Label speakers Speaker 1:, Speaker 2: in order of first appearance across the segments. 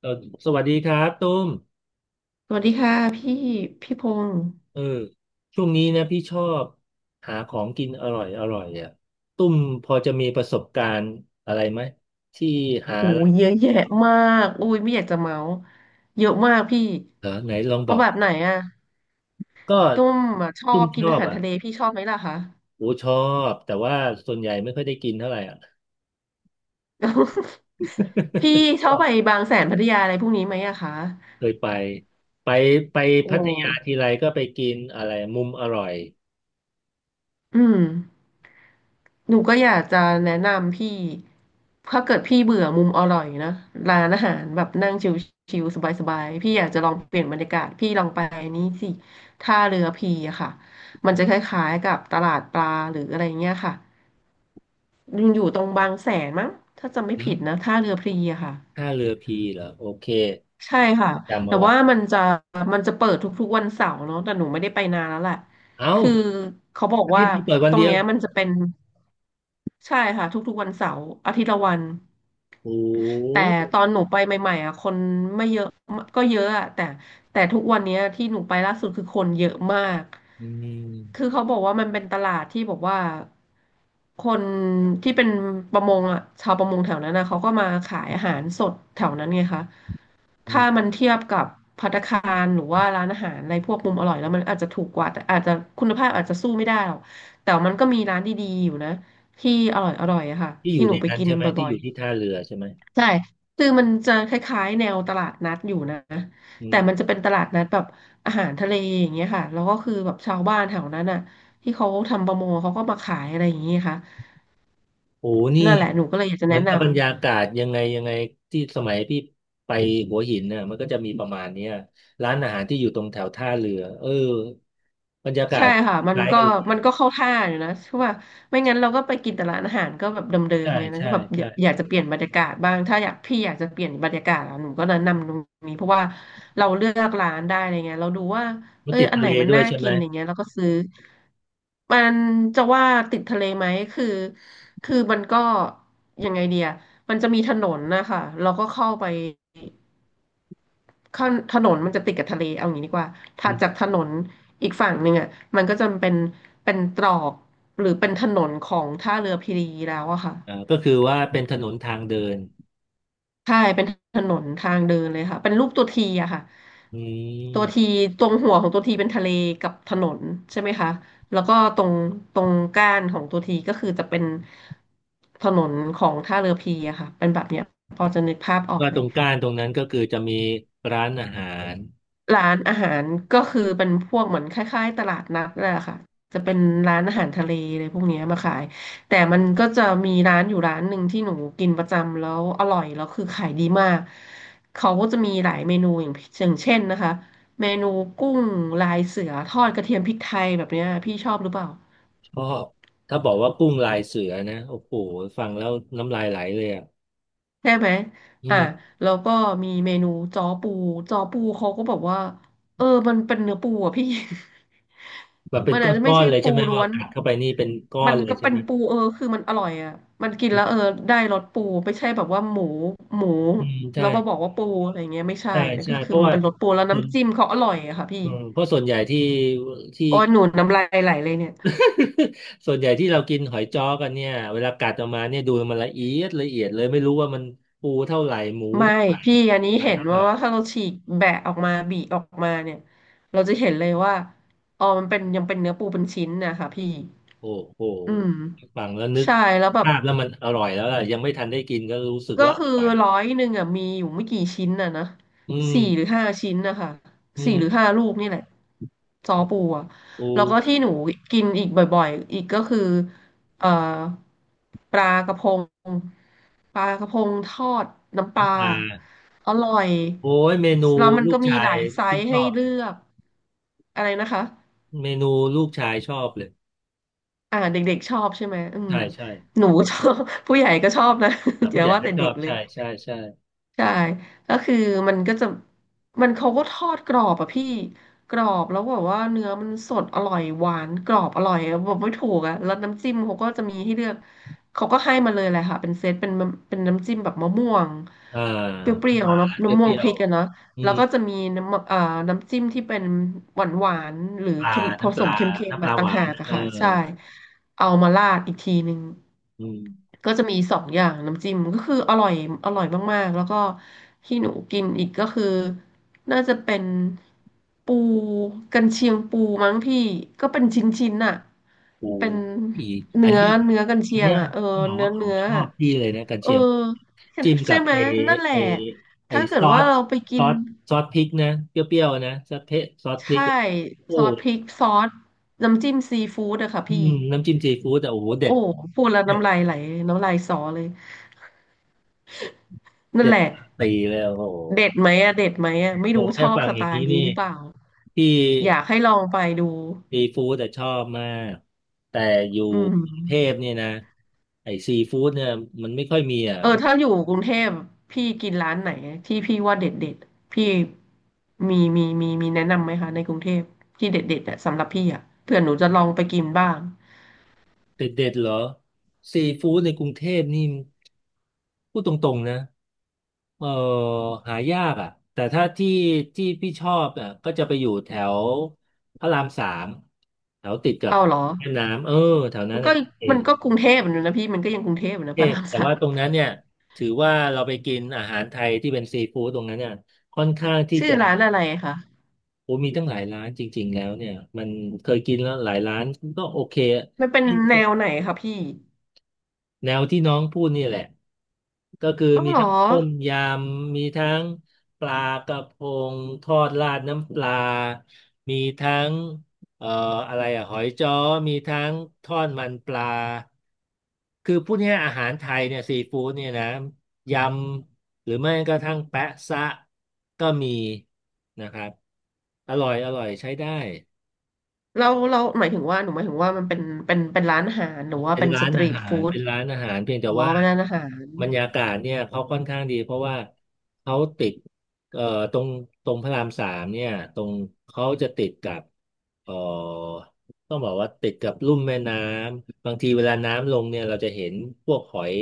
Speaker 1: เออสวัสดีครับตุ้ม
Speaker 2: สวัสดีค่ะพี่พงษ์
Speaker 1: เออช่วงนี้นะพี่ชอบหาของกินอร่อยอร่อยอ่ะตุ้มพอจะมีประสบการณ์อะไรไหมที่หา
Speaker 2: โอ้ยเยอะแยะมากอุ้ยไม่อยากจะเมาส์เยอะมากพี่
Speaker 1: เออไหนลองบ
Speaker 2: เอา
Speaker 1: อก
Speaker 2: แบบไหนอะ
Speaker 1: ก็
Speaker 2: ตุ้มอะชอ
Speaker 1: ตุ้ม
Speaker 2: บกิ
Speaker 1: ช
Speaker 2: น
Speaker 1: อ
Speaker 2: อา
Speaker 1: บ
Speaker 2: หาร
Speaker 1: อ่ะ
Speaker 2: ทะเลพี่ชอบไหมล่ะคะ
Speaker 1: โอ้ชอบแต่ว่าส่วนใหญ่ไม่ค่อยได้กินเท่าไหร่อ่ะ
Speaker 2: พี่ ชอ
Speaker 1: ก็
Speaker 2: บไปบางแสนพัทยาอะไรพวกนี้ไหมอะคะ
Speaker 1: เคยไปไปไป
Speaker 2: โอ้
Speaker 1: พัทยาทีไรก็ไปกินอะไรมุมอร่อย
Speaker 2: อืม หนูก็อยากจะแนะนำพี่ถ้าเกิดพี่เบื่อมุมอร่อยนะร้านอาหารแบบนั่งชิวๆสบายๆพี่อยากจะลองเปลี่ยนบรรยากาศพี่ลองไปนี้สิท่าเรือพีอะค่ะมันจะคล้ายๆกับตลาดปลาหรืออะไรเงี้ยค่ะยังอยู่ตรงบางแสนมั้งถ้าจำไม่
Speaker 1: เหรอ
Speaker 2: ผิดนะท่าเรือพีอะค่ะ
Speaker 1: ท่าเรือพีเหรอโอเค
Speaker 2: ใช่ค่ะ
Speaker 1: จำ
Speaker 2: แต่
Speaker 1: เอาไว้
Speaker 2: ว่ามันจะเปิดทุกๆวันเสาร์เนาะแต่หนูไม่ได้ไปนานแล้วแหละ
Speaker 1: เอ้า
Speaker 2: คือเขาบอก
Speaker 1: อา
Speaker 2: ว่า
Speaker 1: ที่เปิดวัน
Speaker 2: ตร
Speaker 1: เดี
Speaker 2: ง
Speaker 1: ยว
Speaker 2: เนี้ยมันจะเป็นใช่ค่ะทุกๆวันเสาร์อาทิตย์ละวัน
Speaker 1: โอ้
Speaker 2: แต่ตอนหนูไปใหม่ๆอ่ะคนไม่เยอะก็เยอะอะแต่ทุกวันเนี้ยที่หนูไปล่าสุดคือคนเยอะมาก
Speaker 1: อืม
Speaker 2: คือเขาบอกว่ามันเป็นตลาดที่บอกว่าคนที่เป็นประมงอ่ะชาวประมงแถวนั้นนะเขาก็มาขายอาหารสดแถวนั้นไงคะ
Speaker 1: อื
Speaker 2: ถ้า
Speaker 1: ม
Speaker 2: มันเทียบกับภัตตาคารหรือว่าร้านอาหารอะไรพวกมุมอร่อยแล้วมันอาจจะถูกกว่าแต่อาจจะคุณภาพอาจจะสู้ไม่ได้หรอกแต่มันก็มีร้านดีๆอยู่นะที่อร่อยอร่อยอะค่ะ
Speaker 1: ที่อ
Speaker 2: ที่
Speaker 1: ยู่
Speaker 2: ห
Speaker 1: ใน
Speaker 2: นูไป
Speaker 1: นั้น
Speaker 2: กิน
Speaker 1: ใช่ไหมที่
Speaker 2: บ่อ
Speaker 1: อ
Speaker 2: ย
Speaker 1: ยู่
Speaker 2: ๆ
Speaker 1: ที่ท่าเรือใช่ไหม
Speaker 2: ใช่ คือมันจะคล้ายๆแนวตลาดนัดอยู่นะ
Speaker 1: อื
Speaker 2: แต่มัน
Speaker 1: ม
Speaker 2: จะเป็นตลาดนัดแบบอาหารทะเลอย่างเงี้ยค่ะ แล้วก็คือแบบชาวบ้านแถวนั้นอ่ะที่เขาทำประมงเขาก็มาขายอะไรอย่างเงี้ยค่ะ
Speaker 1: โอ้นี่
Speaker 2: นั่นแหละหนูก็เลยอยากจะ
Speaker 1: เหมื
Speaker 2: แนะ
Speaker 1: อนกับ
Speaker 2: นำ
Speaker 1: บรรยากาศยังไงยังไงที่สมัยพี่ไปหัวหินเนี่ยมันก็จะมีประมาณเนี้ยร้านอาหารที่อยู่ตรงแถวท่าเรือเออบรรยากา
Speaker 2: ใช่
Speaker 1: ศ
Speaker 2: ค่ะมั
Speaker 1: ค
Speaker 2: น
Speaker 1: ล้าย
Speaker 2: ก็
Speaker 1: กันเลย
Speaker 2: มันก็เข้าท่าอยู่นะเพราะว่าไม่งั้นเราก็ไปกินแต่ร้านอาหารก็แบบเดิม
Speaker 1: ใช่
Speaker 2: ๆไงนะ
Speaker 1: ใช่
Speaker 2: ก็แบบอ
Speaker 1: ใช่
Speaker 2: ยากอยากจะเปลี่ยนบรรยากาศบ้างถ้าอยากพี่อยากจะเปลี่ยนบรรยากาศอะหนูก็แนะนำตรงนี้เพราะว่าเราเลือกร้านได้อะไรเงี้ยเราดูว่า
Speaker 1: มั
Speaker 2: เอ
Speaker 1: น
Speaker 2: อ
Speaker 1: ติด
Speaker 2: อัน
Speaker 1: ทะ
Speaker 2: ไหน
Speaker 1: เล
Speaker 2: มัน
Speaker 1: ด้วย
Speaker 2: น่า
Speaker 1: ใช่ไห
Speaker 2: กิ
Speaker 1: ม
Speaker 2: นอย่างเงี้ยเราก็ซื้อมันจะว่าติดทะเลไหมคือคือมันก็ยังไงเดียมันจะมีถนนนะคะเราก็เข้าไป ข้างถนนมันจะติดกับทะเลเอาอย่างนี้ดีกว่า
Speaker 1: อื
Speaker 2: ถัาจาก
Speaker 1: ม
Speaker 2: ถนนอีกฝั่งหนึ่งอ่ะมันก็จะเป็นเป็นตรอกหรือเป็นถนนของท่าเรือพีรีแล้วอะค่ะ
Speaker 1: อ่าก็คือว่าเป็นถนนทางเดิน
Speaker 2: ใช่เป็นถนนทางเดินเลยค่ะเป็นรูปตัวทีอะค่ะ
Speaker 1: อื
Speaker 2: ตัวที
Speaker 1: ม
Speaker 2: ตรงหัวของตัวทีเป็นทะเลกับถนนใช่ไหมคะแล้วก็ตรงตรงก้านของตัวทีก็คือจะเป็นถนนของท่าเรือพีอะค่ะเป็นแบบเนี้ยพอจะนึกภาพออก
Speaker 1: ว่า
Speaker 2: ไหม
Speaker 1: ตรงก้านตรงนั้นก็คือจะมีร้านอาหาร
Speaker 2: ร้านอาหารก็คือเป็นพวกเหมือนคล้ายๆตลาดนัดนั่นแหละค่ะจะเป็นร้านอาหารทะเลเลยพวกเนี้ยมาขายแต่มันก็จะมีร้านอยู่ร้านหนึ่งที่หนูกินประจำแล้วอร่อยแล้วคือขายดีมากเขาก็จะมีหลายเมนูอย่างเช่นนะคะเมนูกุ้งลายเสือทอดกระเทียมพริกไทยแบบเนี้ยพี่ชอบหรือเปล่า
Speaker 1: เพราะถ้าบอกว่ากุ้งลายเสือนะโอ้โหฟังแล้วน้ำลายไหลเลยอ่ะ
Speaker 2: ใช่ไหม
Speaker 1: อื
Speaker 2: อ่ะ
Speaker 1: ม
Speaker 2: แล้วก็มีเมนูจ้อปูจ้อปูเขาก็บอกว่าเออมันเป็นเนื้อปูอ่ะพี่
Speaker 1: แบบเป็น
Speaker 2: มัน
Speaker 1: ก
Speaker 2: อาจจะ
Speaker 1: ้
Speaker 2: ไม่
Speaker 1: อน
Speaker 2: ใช่
Speaker 1: ๆเลยใช่
Speaker 2: ปู
Speaker 1: ไหม
Speaker 2: ล้
Speaker 1: ว่า
Speaker 2: วน
Speaker 1: กัดเข้าไปนี่เป็นก้อ
Speaker 2: มั
Speaker 1: น
Speaker 2: น
Speaker 1: เลย
Speaker 2: ก็
Speaker 1: ใช่
Speaker 2: เป็
Speaker 1: ไห
Speaker 2: น
Speaker 1: ม
Speaker 2: ปูเออคือมันอร่อยอ่ะมันกิน
Speaker 1: อื
Speaker 2: แล้
Speaker 1: ม
Speaker 2: วเออได้รสปูไม่ใช่แบบว่าหมูหมู
Speaker 1: อืมใช่
Speaker 2: แล้วมาบอกว่าปูอะไรเงี้ยไม่ใช่
Speaker 1: ใช่
Speaker 2: นะ
Speaker 1: ใช่
Speaker 2: ก็
Speaker 1: เพ
Speaker 2: คือ
Speaker 1: ราะ
Speaker 2: มัน
Speaker 1: ว่า
Speaker 2: เป็นรสปูแล้ว
Speaker 1: ส่วน
Speaker 2: น้ำจิ้มเขาอร่อยอะค่ะพี่
Speaker 1: อืมเพราะส่วนใหญ่ที่
Speaker 2: โอ้ยหนูน้ำลายไหลเลยเนี่ย
Speaker 1: ส่วนใหญ่ที่เรากินหอยจ้อกันเนี่ยเวลากัดออกมาเนี่ยดูมันละเอียดละเอียดเลยไม่รู้ว่ามันปูเท่าไหร่หมู
Speaker 2: ไม่
Speaker 1: เท่าไหร่
Speaker 2: พี่อันนี้
Speaker 1: มัน
Speaker 2: เห็น
Speaker 1: เท่าไห
Speaker 2: ว่า
Speaker 1: ร่
Speaker 2: ว่าถ้าเราฉีกแบะออกมาบีออกมาเนี่ยเราจะเห็นเลยว่าอ๋อมันเป็นยังเป็นเนื้อปูเป็นชิ้นนะคะพี่
Speaker 1: โอ้โห
Speaker 2: อืม
Speaker 1: ฟังแล้วนึก
Speaker 2: ใช่แล้วแบบ
Speaker 1: ภาพแล้วมันอร่อยแล้วล่ะยังไม่ทันได้กินก็รู้สึก
Speaker 2: ก็
Speaker 1: ว่า
Speaker 2: คื
Speaker 1: อ
Speaker 2: อ
Speaker 1: ร่อย
Speaker 2: ร้อยหนึ่งอ่ะมีอยู่ไม่กี่ชิ้นน่ะนะ
Speaker 1: อืม
Speaker 2: สี่หรือห้าชิ้นนะคะ
Speaker 1: อื
Speaker 2: สี่
Speaker 1: ม
Speaker 2: หรือห้าลูกนี่แหละซอปูอ่ะ
Speaker 1: ปู
Speaker 2: แล้วก็ที่หนูกินอีกบ่อยๆอีกก็คือเอ่อปลากระพงทอดน้ำป
Speaker 1: น้ำ
Speaker 2: ลา
Speaker 1: ปลา
Speaker 2: อร่อย
Speaker 1: โอ้ยเมนู
Speaker 2: แล้วมัน
Speaker 1: ลู
Speaker 2: ก็
Speaker 1: ก
Speaker 2: มี
Speaker 1: ชา
Speaker 2: ห
Speaker 1: ย
Speaker 2: ลายไซ
Speaker 1: พี่
Speaker 2: ส์
Speaker 1: ชอ
Speaker 2: ให้
Speaker 1: บเลย
Speaker 2: เลือกอะไรนะคะ
Speaker 1: เมนูลูกชายชอบเลย
Speaker 2: อ่าเด็กๆชอบใช่ไหมอืม
Speaker 1: ใช่ใช่
Speaker 2: หนูชอบ ผู้ใหญ่ก็ชอบนะ
Speaker 1: อ่า
Speaker 2: อ
Speaker 1: ผู้
Speaker 2: ย่า
Speaker 1: ใหญ่
Speaker 2: ว่า
Speaker 1: ก็
Speaker 2: แต่
Speaker 1: ชอ
Speaker 2: เด็ก
Speaker 1: บ
Speaker 2: เล
Speaker 1: ใช่
Speaker 2: ย
Speaker 1: ใช่ใช่
Speaker 2: ใช่ก็คือมันก็จะมันเขาก็ทอดกรอบอะพี่กรอบแล้วแบบว่าเนื้อมันสดอร่อยหวานกรอบอร่อยอะบอกไม่ถูกอะแล้วน้ำจิ้มเขาก็จะมีให้เลือกเขาก็ให้มาเลยแหละค่ะเป็นเซตเป็นเป็นน้ำจิ้มแบบมะม่วง
Speaker 1: เออ
Speaker 2: เปรี้ย
Speaker 1: ห
Speaker 2: ว
Speaker 1: วา
Speaker 2: ๆเนาะ
Speaker 1: น
Speaker 2: มะม่
Speaker 1: เป
Speaker 2: วง
Speaker 1: รี้ย
Speaker 2: พริ
Speaker 1: ว
Speaker 2: กอะเนาะ
Speaker 1: ๆอื
Speaker 2: แล้ว
Speaker 1: ม
Speaker 2: ก็จะมีน้ำน้ำจิ้มที่เป็นหวานหวานหรือ
Speaker 1: ปลา
Speaker 2: เค็มผ
Speaker 1: น้ำป
Speaker 2: สม
Speaker 1: ลา
Speaker 2: เค็มๆ
Speaker 1: น้ำป
Speaker 2: แบบ
Speaker 1: ลาห
Speaker 2: ต่าง
Speaker 1: วา
Speaker 2: หา
Speaker 1: น
Speaker 2: กอะ
Speaker 1: เออ
Speaker 2: ค่ะใช่เอามาราดอีกทีนึง
Speaker 1: อืม
Speaker 2: ก็จะมีสองอย่างน้ำจิ้มก็คืออร่อยอร่อยมากๆแล้วก็ที่หนูกินอีกก็คือน่าจะเป็นปูกันเชียงปูมั้งพี่ก็เป็นชิ้นๆน่ะ
Speaker 1: ปู
Speaker 2: เป็น
Speaker 1: อีกอัน
Speaker 2: เนื้อ
Speaker 1: ที่
Speaker 2: เนื้อกัน
Speaker 1: อั
Speaker 2: เชี
Speaker 1: น
Speaker 2: ยง
Speaker 1: เนี้ย
Speaker 2: อะเออ
Speaker 1: ต้องบอก
Speaker 2: เนื้อ
Speaker 1: ว่าของ
Speaker 2: เนื้อ
Speaker 1: ชอ
Speaker 2: อะ
Speaker 1: บพี่เลยนะกัน
Speaker 2: เออ
Speaker 1: เชียงจิ้มกั
Speaker 2: ใช่
Speaker 1: บ
Speaker 2: ไหม
Speaker 1: ไอ
Speaker 2: นั่นแห
Speaker 1: ไอ
Speaker 2: ละ
Speaker 1: ไอ
Speaker 2: ถ้าเกิ
Speaker 1: ซ
Speaker 2: ด
Speaker 1: อ
Speaker 2: ว่า
Speaker 1: ส
Speaker 2: เราไป
Speaker 1: ซ
Speaker 2: กิ
Speaker 1: อ
Speaker 2: น
Speaker 1: สซอสพริกนะเปรี้ยวๆนะซอสเทซอสพ
Speaker 2: ใช
Speaker 1: ริกอะ
Speaker 2: ่
Speaker 1: โอ้
Speaker 2: ซอสพริกซอสน้ำจิ้มซีฟู้ดอะค่ะ
Speaker 1: อื
Speaker 2: พี่
Speaker 1: มน้ำจิ้มซีฟู้ดแต่โอ้โหเด็
Speaker 2: โอ้
Speaker 1: ด
Speaker 2: พูดแล้วน้ำลายไหลน้ำลายสอเลยนั่น
Speaker 1: เจ็ด
Speaker 2: แหละ
Speaker 1: ปีเลยโอ้โห
Speaker 2: เด็ดไหมอะเด็ดไหมอะไม่
Speaker 1: โอ้
Speaker 2: รู้ช
Speaker 1: แค่
Speaker 2: อบ
Speaker 1: ฟัง
Speaker 2: ส
Speaker 1: อ
Speaker 2: ไต
Speaker 1: ย่างนี้
Speaker 2: ล์
Speaker 1: นี่
Speaker 2: นี้หรือเปล่า
Speaker 1: ที่
Speaker 2: อยากให้ลองไปดู
Speaker 1: ซีฟู้ดแต่ชอบมากแต่อยู่
Speaker 2: อืม
Speaker 1: กรุงเทพเนี่ยนะไอ้ซีฟู้ดเนี่ยมันไม่ค่อยมีอ่ะ
Speaker 2: เออถ้าอยู่กรุงเทพพี่กินร้านไหนที่พี่ว่าเด็ดเด็ดพี่มีแนะนำไหมคะในกรุงเทพที่เด็ดเด็ดอะสำหรับพี่อะเผื่อหนูจะลองไปกินบ้าง
Speaker 1: เด็ดเด็ดเหรอซีฟู้ดในกรุงเทพนี่พูดตรงๆนะเออหายากอ่ะแต่ถ้าที่พี่ชอบอ่ะก็จะไปอยู่แถวพระรามสามแถวติดกับ
Speaker 2: เอาเหรอ
Speaker 1: แม่น้ำเออแถวนั้
Speaker 2: มั
Speaker 1: น
Speaker 2: นก็
Speaker 1: อ่ะโอเค
Speaker 2: มันก็กรุงเทพอยู่นะพี่มันก็ยังกรุงเทพอยู่
Speaker 1: เท
Speaker 2: นะพระ
Speaker 1: พ
Speaker 2: ราม
Speaker 1: แต่
Speaker 2: สา
Speaker 1: ว่า
Speaker 2: ม
Speaker 1: ตรงนั้นเนี่ยถือว่าเราไปกินอาหารไทยที่เป็นซีฟู้ดตรงนั้นเนี่ยค่อนข้างที่
Speaker 2: ชื่อ
Speaker 1: จะ
Speaker 2: ร้านอะไรคะ
Speaker 1: โอ้มีตั้งหลายร้านจริงๆแล้วเนี่ยมันเคยกินแล้วหลายร้านก็โอเค
Speaker 2: มันเป็นแนวไหนคะพี่
Speaker 1: แนวที่น้องพูดนี่แหละ ก็คือ
Speaker 2: อ๋อ
Speaker 1: มี
Speaker 2: เหรอ
Speaker 1: ทั้งต้มยำมีทั้งปลากระพงทอดราดน้ำปลา มีทั้งเอ่ออะไรอะหอยจ้อมีทั้งทอดมันปลาคือพูดง่ายๆอาหารไทยเนี่ยซีฟู้ดเนี่ยนะยำหรือไม่กระทั่งแปะซะก็มีนะครับอร่อยอร่อยใช้ได้
Speaker 2: เราหมายถึงว่าหนูหมายถึงว่ามันเป็นเป็นร้านอาหารหรือว่า
Speaker 1: เป็น
Speaker 2: เป็นส
Speaker 1: ร้าน
Speaker 2: ตรี
Speaker 1: อา
Speaker 2: ท
Speaker 1: หาร
Speaker 2: ฟู้ด
Speaker 1: เป็นร้านอาหารเพียงแต่
Speaker 2: อ๋อ
Speaker 1: ว่า
Speaker 2: เป็นร้านอาหาร
Speaker 1: บรรยากาศเนี่ยเขาค่อนข้างดีเพราะว่าเขาติดเอ่อตรงตรงพระรามสามเนี่ยตรงเขาจะติดกับเอ่อต้องบอกว่าติดกับลุ่มแม่น้ำบางทีเวลาน้ำลงเนี่ยเราจะเห็นพวกหอย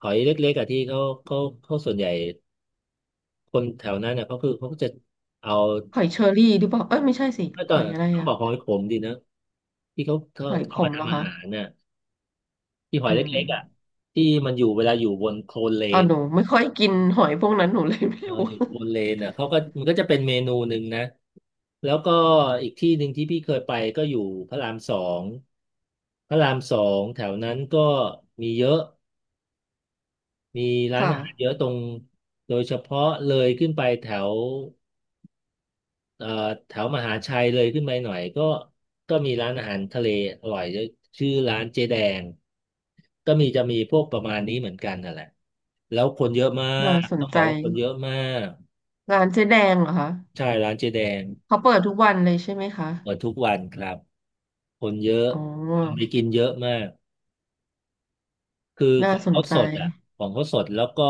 Speaker 1: หอยเล็กๆอะที่เขาเขาส่วนใหญ่คนแถวนั้นเนี่ยเขาคือเขาก็จะเอา
Speaker 2: หอยเชอรี่หรือเปล่าเอ้ยไม่ใช่สิ
Speaker 1: ไม่
Speaker 2: ห
Speaker 1: ต้อง
Speaker 2: อยอะไร
Speaker 1: ต้องบ
Speaker 2: อะ
Speaker 1: อกหอยขมดีนะที่เขา
Speaker 2: หอยข
Speaker 1: เอามา
Speaker 2: มเหรอ
Speaker 1: ทำอา
Speaker 2: คะ
Speaker 1: หารน่ะ ที่หอ
Speaker 2: อื
Speaker 1: ยเล็กๆอ่ะ
Speaker 2: ม
Speaker 1: ที่มันอยู่เวลาอยู่บนโคลนเล
Speaker 2: อ๋อ
Speaker 1: น
Speaker 2: หนูไม่ค่อยกินหอยพวกนั้นหนูเลยไม่
Speaker 1: เออ
Speaker 2: รู้
Speaker 1: อยู่บนเลนอ่ะเขาก็มันก็จะเป็นเมนูหนึ่งนะแล้วก็อีกที่หนึ่งที่พี่เคยไปก็อยู่พระรามสองพระรามสองแถวนั้นก็มีเยอะมี ร้าน
Speaker 2: ค่ะ
Speaker 1: อาหารเยอะตรงโดยเฉพาะเลยขึ้นไปแถว เอ่อแถวมหาชัยเลยขึ้นไปหน่อยก็ก็มีร้านอาหารทะเลอร่อยเยอะชื่อร้านเจ๊แดงก็มีจะมีพวกประมาณนี้เหมือนกันนั่นแหละแล้วคนเยอะมา
Speaker 2: น่า
Speaker 1: ก
Speaker 2: สน
Speaker 1: ต้องบ
Speaker 2: ใจ
Speaker 1: อกว่าคนเยอะมาก
Speaker 2: ร้านเจ๊แดงเหรอคะ
Speaker 1: ใช่ร้านเจ๊แดง
Speaker 2: เขาเปิดทุกวันเลยใช่ไหมคะ
Speaker 1: เปิดทุกวันครับคนเยอะ
Speaker 2: อ๋อ
Speaker 1: คนไปกินเยอะมากคือข
Speaker 2: น่า
Speaker 1: อง
Speaker 2: สน
Speaker 1: เขา
Speaker 2: ใจ
Speaker 1: สดอ่ะของเขาสดแล้วก็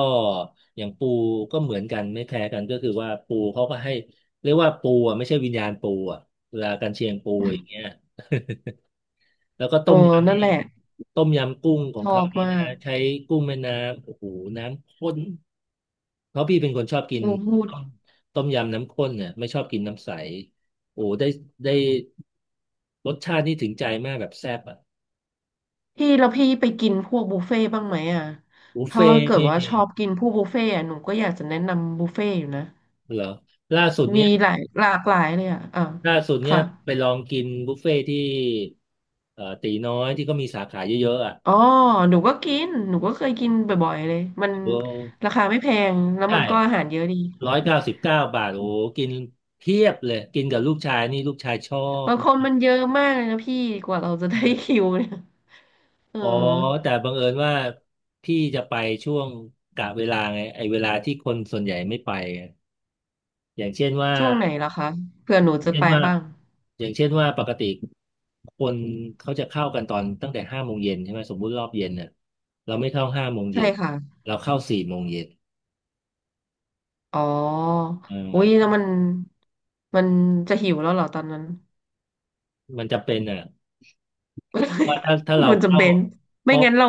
Speaker 1: อย่างปูก็เหมือนกันไม่แพ้กันก็คือว่าปูเขาก็ให้เรียกว่าปูอ่ะไม่ใช่วิญญาณปูอ่ะเวลากันเชียงปูอย่างเงี้ย แล้วก็
Speaker 2: เอ
Speaker 1: ต้
Speaker 2: อ
Speaker 1: มยำ
Speaker 2: นั่
Speaker 1: นี่
Speaker 2: นแหละ
Speaker 1: ต้มยำกุ้งขอ
Speaker 2: ช
Speaker 1: ง
Speaker 2: อ
Speaker 1: เขา
Speaker 2: บ
Speaker 1: นี่
Speaker 2: มา
Speaker 1: นะ
Speaker 2: ก
Speaker 1: ใช้กุ้งแม่น้ำโอ้โห น้ำข้นเพราะพี่เป็นคนชอบกิน
Speaker 2: โอ้พูด
Speaker 1: ต้มต้มยำน้ำข้นเนี่ยไม่ชอบกินน้ำใส โอ้ได้ได้รสชาตินี่ถึงใจมากแบบแซ่บอ่ะ
Speaker 2: พี่แล้วพี่ไปกินพวกบุฟเฟ่ต์บ้างไหมอ่ะ
Speaker 1: บุฟ
Speaker 2: ถ้า
Speaker 1: เฟ่ต์
Speaker 2: เกิด
Speaker 1: นี่
Speaker 2: ว่าชอบกินพวกบุฟเฟ่ต์อะหนูก็อยากจะแนะนำบุฟเฟ่ต์อยู่นะ
Speaker 1: เหรอล่าสุดเนี้
Speaker 2: มี
Speaker 1: ย
Speaker 2: หลายหลากหลายเลยอ่ะอ่ะ
Speaker 1: ล่าสุดเนี้ย
Speaker 2: ค่ะ
Speaker 1: ไปลองกินบุฟเฟ่ต์ที่ตีน้อยที่ก็มีสาขาเยอะๆอ่ะ
Speaker 2: อ๋อหนูก็เคยกินบ่อยๆเลยมัน
Speaker 1: โอ้
Speaker 2: ราคาไม่แพงแล้ว
Speaker 1: ใช่
Speaker 2: มันก็อาหารเยอะดี
Speaker 1: 199 บาทโอ้โหกินเพียบเลยกินกับลูกชายนี่ลูกชายชอบ
Speaker 2: บางคนมันเยอะมากเลยนะพี่กว่าเราจะได้
Speaker 1: ใช่
Speaker 2: คิวเนี่ยเออ
Speaker 1: อ๋อแต่บังเอิญว่าพี่จะไปช่วงกะเวลาไงไอ้เวลาที่คนส่วนใหญ่ไม่ไปไงอย่างเช่นว่า
Speaker 2: ช่วงไหนล่ะคะเผื่อหนูจะ
Speaker 1: เช่น
Speaker 2: ไป
Speaker 1: ว่า
Speaker 2: บ้าง
Speaker 1: อย่างเช่นว่าปกติคนเขาจะเข้ากันตอนตั้งแต่ห้าโมงเย็นใช่ไหมสมมุติรอบเย็นเนี่ยเราไม่เข้าห้าโมง
Speaker 2: ใช่
Speaker 1: เย็น
Speaker 2: ค่ะ
Speaker 1: เราเข้า4 โมงเย็น
Speaker 2: อ๋อ
Speaker 1: เอ
Speaker 2: อุ้ยแล้ว
Speaker 1: อ
Speaker 2: มันจะหิวแล้วเหรอตอนนั้น
Speaker 1: มันจะเป็นอ่ะ
Speaker 2: ไม่
Speaker 1: ว่าถ้า เรา
Speaker 2: มันจำ
Speaker 1: เข้า
Speaker 2: เป็น
Speaker 1: เพ
Speaker 2: ไม่
Speaker 1: ราะ
Speaker 2: งั้นเรา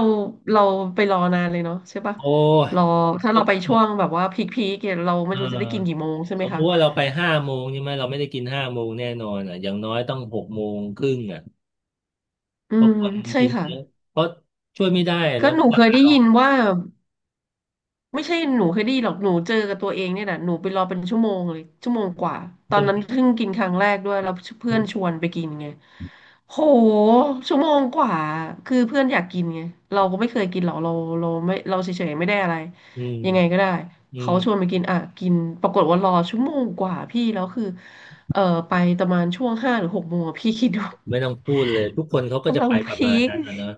Speaker 2: เราไปรอนานเลยเนาะใช่ปะ
Speaker 1: โอ้ย
Speaker 2: รอถ้า
Speaker 1: ต้อ
Speaker 2: เราไปช่วง
Speaker 1: ง
Speaker 2: แบบว่าพีคพีคเนี่ยเราไม่
Speaker 1: เอ
Speaker 2: รู้จะได้กินกี่
Speaker 1: อ
Speaker 2: โมงใช่ไห
Speaker 1: ส
Speaker 2: ม
Speaker 1: มม
Speaker 2: คะ
Speaker 1: ติว่าเราไปห้าโมงใช่ไหมเราไม่ได้กินห้าโมงแน่นอนอ่ะอย่างน้อยต้อง6 โมงครึ่งอ่ะ
Speaker 2: อื
Speaker 1: เพราะ
Speaker 2: ม
Speaker 1: คน
Speaker 2: ใช่
Speaker 1: กิน
Speaker 2: ค่ะ
Speaker 1: เยอะเพราะช่วยไม่ได้อะ
Speaker 2: ก็
Speaker 1: นะ
Speaker 2: หนู
Speaker 1: รา
Speaker 2: เคย
Speaker 1: คา
Speaker 2: ได้
Speaker 1: เรา
Speaker 2: ยินว่า ไม่ใช่หนูเคยได้ยินหรอกหนูเจอกับตัวเองเนี่ยแหละหนูไปรอเป็นชั่วโมงเลยชั่วโมงกว่าตอ
Speaker 1: จะ
Speaker 2: น
Speaker 1: ไห
Speaker 2: นั้
Speaker 1: ม
Speaker 2: นเพิ่งกินครั้งแรกด้วยแล้วเพื่
Speaker 1: อื
Speaker 2: อน
Speaker 1: ม
Speaker 2: ชวนไปกินไงโหชั่วโมงกว่าคือเพื่อนอยากกินไงเราก็ไม่เคยกินหรอกเราไม่เราเฉยๆไม่ได้อะไร
Speaker 1: อืม
Speaker 2: ยังไงก็ได้
Speaker 1: อื
Speaker 2: เขา
Speaker 1: ม
Speaker 2: ชวนไปกินอ่ะกินปรากฏว่ารอชั่วโมงกว่าพี่แล้วคือเออไปประมาณช่วงห้าหรือหกโมงอะพี่คิดดู
Speaker 1: ไม่ต้องพูดเลยทุกคนเขาก็จะ
Speaker 2: กำลั
Speaker 1: ไป
Speaker 2: ง
Speaker 1: ประมา
Speaker 2: พี
Speaker 1: ณ
Speaker 2: ค
Speaker 1: นั้นอะเนอะ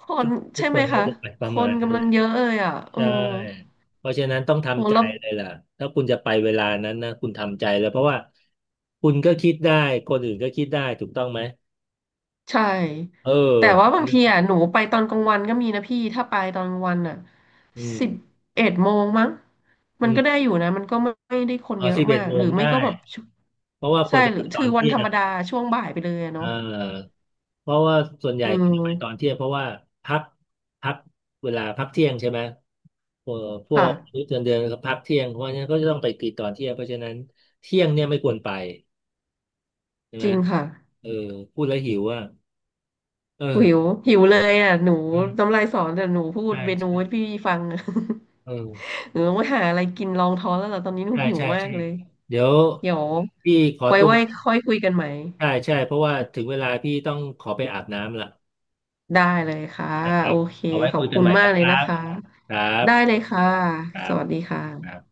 Speaker 2: ค
Speaker 1: ทุ
Speaker 2: น
Speaker 1: กทุ
Speaker 2: ใช่
Speaker 1: กค
Speaker 2: ไหม
Speaker 1: นเขา
Speaker 2: คะ
Speaker 1: จะไปป
Speaker 2: ค
Speaker 1: ระมา
Speaker 2: น
Speaker 1: ณนั้น
Speaker 2: กำ
Speaker 1: แห
Speaker 2: ลัง
Speaker 1: ละ
Speaker 2: เยอะเลยอ่ะเออ
Speaker 1: ใช่เพราะฉะนั้นต้อง
Speaker 2: โห
Speaker 1: ทำใจ
Speaker 2: แล้ว
Speaker 1: เลยล่ะถ้าคุณจะไปเวลานั้นนะคุณทำใจเลยเพราะว่าคุณก็คิดได้คนอื่นก็คิดได้ถูกต้องไหม
Speaker 2: ใช่
Speaker 1: เออ
Speaker 2: แต่ว่าบางทีอ่ะหนูไปตอนกลางวันก็มีนะพี่ ถ้าไปตอนกลางวันอ่ะ
Speaker 1: อืม
Speaker 2: สิบเอ็ดโมงมั้ง
Speaker 1: อื
Speaker 2: มัน
Speaker 1: ม
Speaker 2: ก็ได้อยู่นะมันก็ไม่ได้คน
Speaker 1: เอา
Speaker 2: เยอะ
Speaker 1: สิบเอ็
Speaker 2: มา
Speaker 1: ด
Speaker 2: ก
Speaker 1: โม
Speaker 2: หรื
Speaker 1: ง
Speaker 2: อไม่
Speaker 1: ได้
Speaker 2: ก็แบบช
Speaker 1: เพราะว่าค
Speaker 2: ใช่
Speaker 1: วรจะ
Speaker 2: หรื
Speaker 1: ไป
Speaker 2: อ
Speaker 1: ต
Speaker 2: ถื
Speaker 1: อ
Speaker 2: อ
Speaker 1: น
Speaker 2: วัน
Speaker 1: เที่
Speaker 2: ธ
Speaker 1: ย
Speaker 2: รรม
Speaker 1: ง
Speaker 2: ดาช่วงบ่ายไปเลยอะ
Speaker 1: เ
Speaker 2: เนาะ
Speaker 1: ออเพราะว่าส่วนใหญ่
Speaker 2: อื
Speaker 1: ควรจะไปตอน
Speaker 2: ม
Speaker 1: เที่ยงเพราะว่าพักพักเวลาพักเที่ยงใช่ไหมพวกพว
Speaker 2: ค่ะ
Speaker 1: กมื้อเดือนก็พักเที่ยงเพราะฉะนั้นก็จะต้องไปกินตอนเที่ยงเพราะฉะนั้นเที่ยงเนี่ยไม่ควรไปใช่
Speaker 2: จ
Speaker 1: ไหม
Speaker 2: ริงค่ะ
Speaker 1: เออพูดแล้วหิวอ่ะเอ
Speaker 2: หิว
Speaker 1: อ
Speaker 2: หิวเลยอ่ะหนู
Speaker 1: อืม
Speaker 2: น้ำลายสอนแต่หนูพูด
Speaker 1: ใช่
Speaker 2: เมนู
Speaker 1: ใช่
Speaker 2: ให้พี่ฟังอะ
Speaker 1: เออ
Speaker 2: หนูต้องไปหาอะไรกินรองท้องแล้วล่ะตอนนี้หนู
Speaker 1: ใช่
Speaker 2: หิว
Speaker 1: ใช่
Speaker 2: มา
Speaker 1: ใช่
Speaker 2: กเลย
Speaker 1: เดี๋ยว
Speaker 2: เดี๋ยว
Speaker 1: พี่ขอ
Speaker 2: ไว้
Speaker 1: ตัว
Speaker 2: ไว้ค่อยคุยกันใหม่
Speaker 1: ใช่ใช่เพราะว่าถึงเวลาพี่ต้องขอไปอาบน้ำละ
Speaker 2: ได้เลยค่ะ
Speaker 1: นะค
Speaker 2: โอ
Speaker 1: รับ
Speaker 2: เค
Speaker 1: เอาไว้
Speaker 2: ขอ
Speaker 1: คุ
Speaker 2: บ
Speaker 1: ยกั
Speaker 2: คุ
Speaker 1: น
Speaker 2: ณ
Speaker 1: ใหม่
Speaker 2: มาก
Speaker 1: นะค
Speaker 2: เลย
Speaker 1: รั
Speaker 2: นะ
Speaker 1: บ
Speaker 2: คะ
Speaker 1: ครั
Speaker 2: ได้เล
Speaker 1: บ
Speaker 2: ยค่ะ
Speaker 1: ครั
Speaker 2: ส
Speaker 1: บ
Speaker 2: วัสดี
Speaker 1: อ่า
Speaker 2: ค่ะ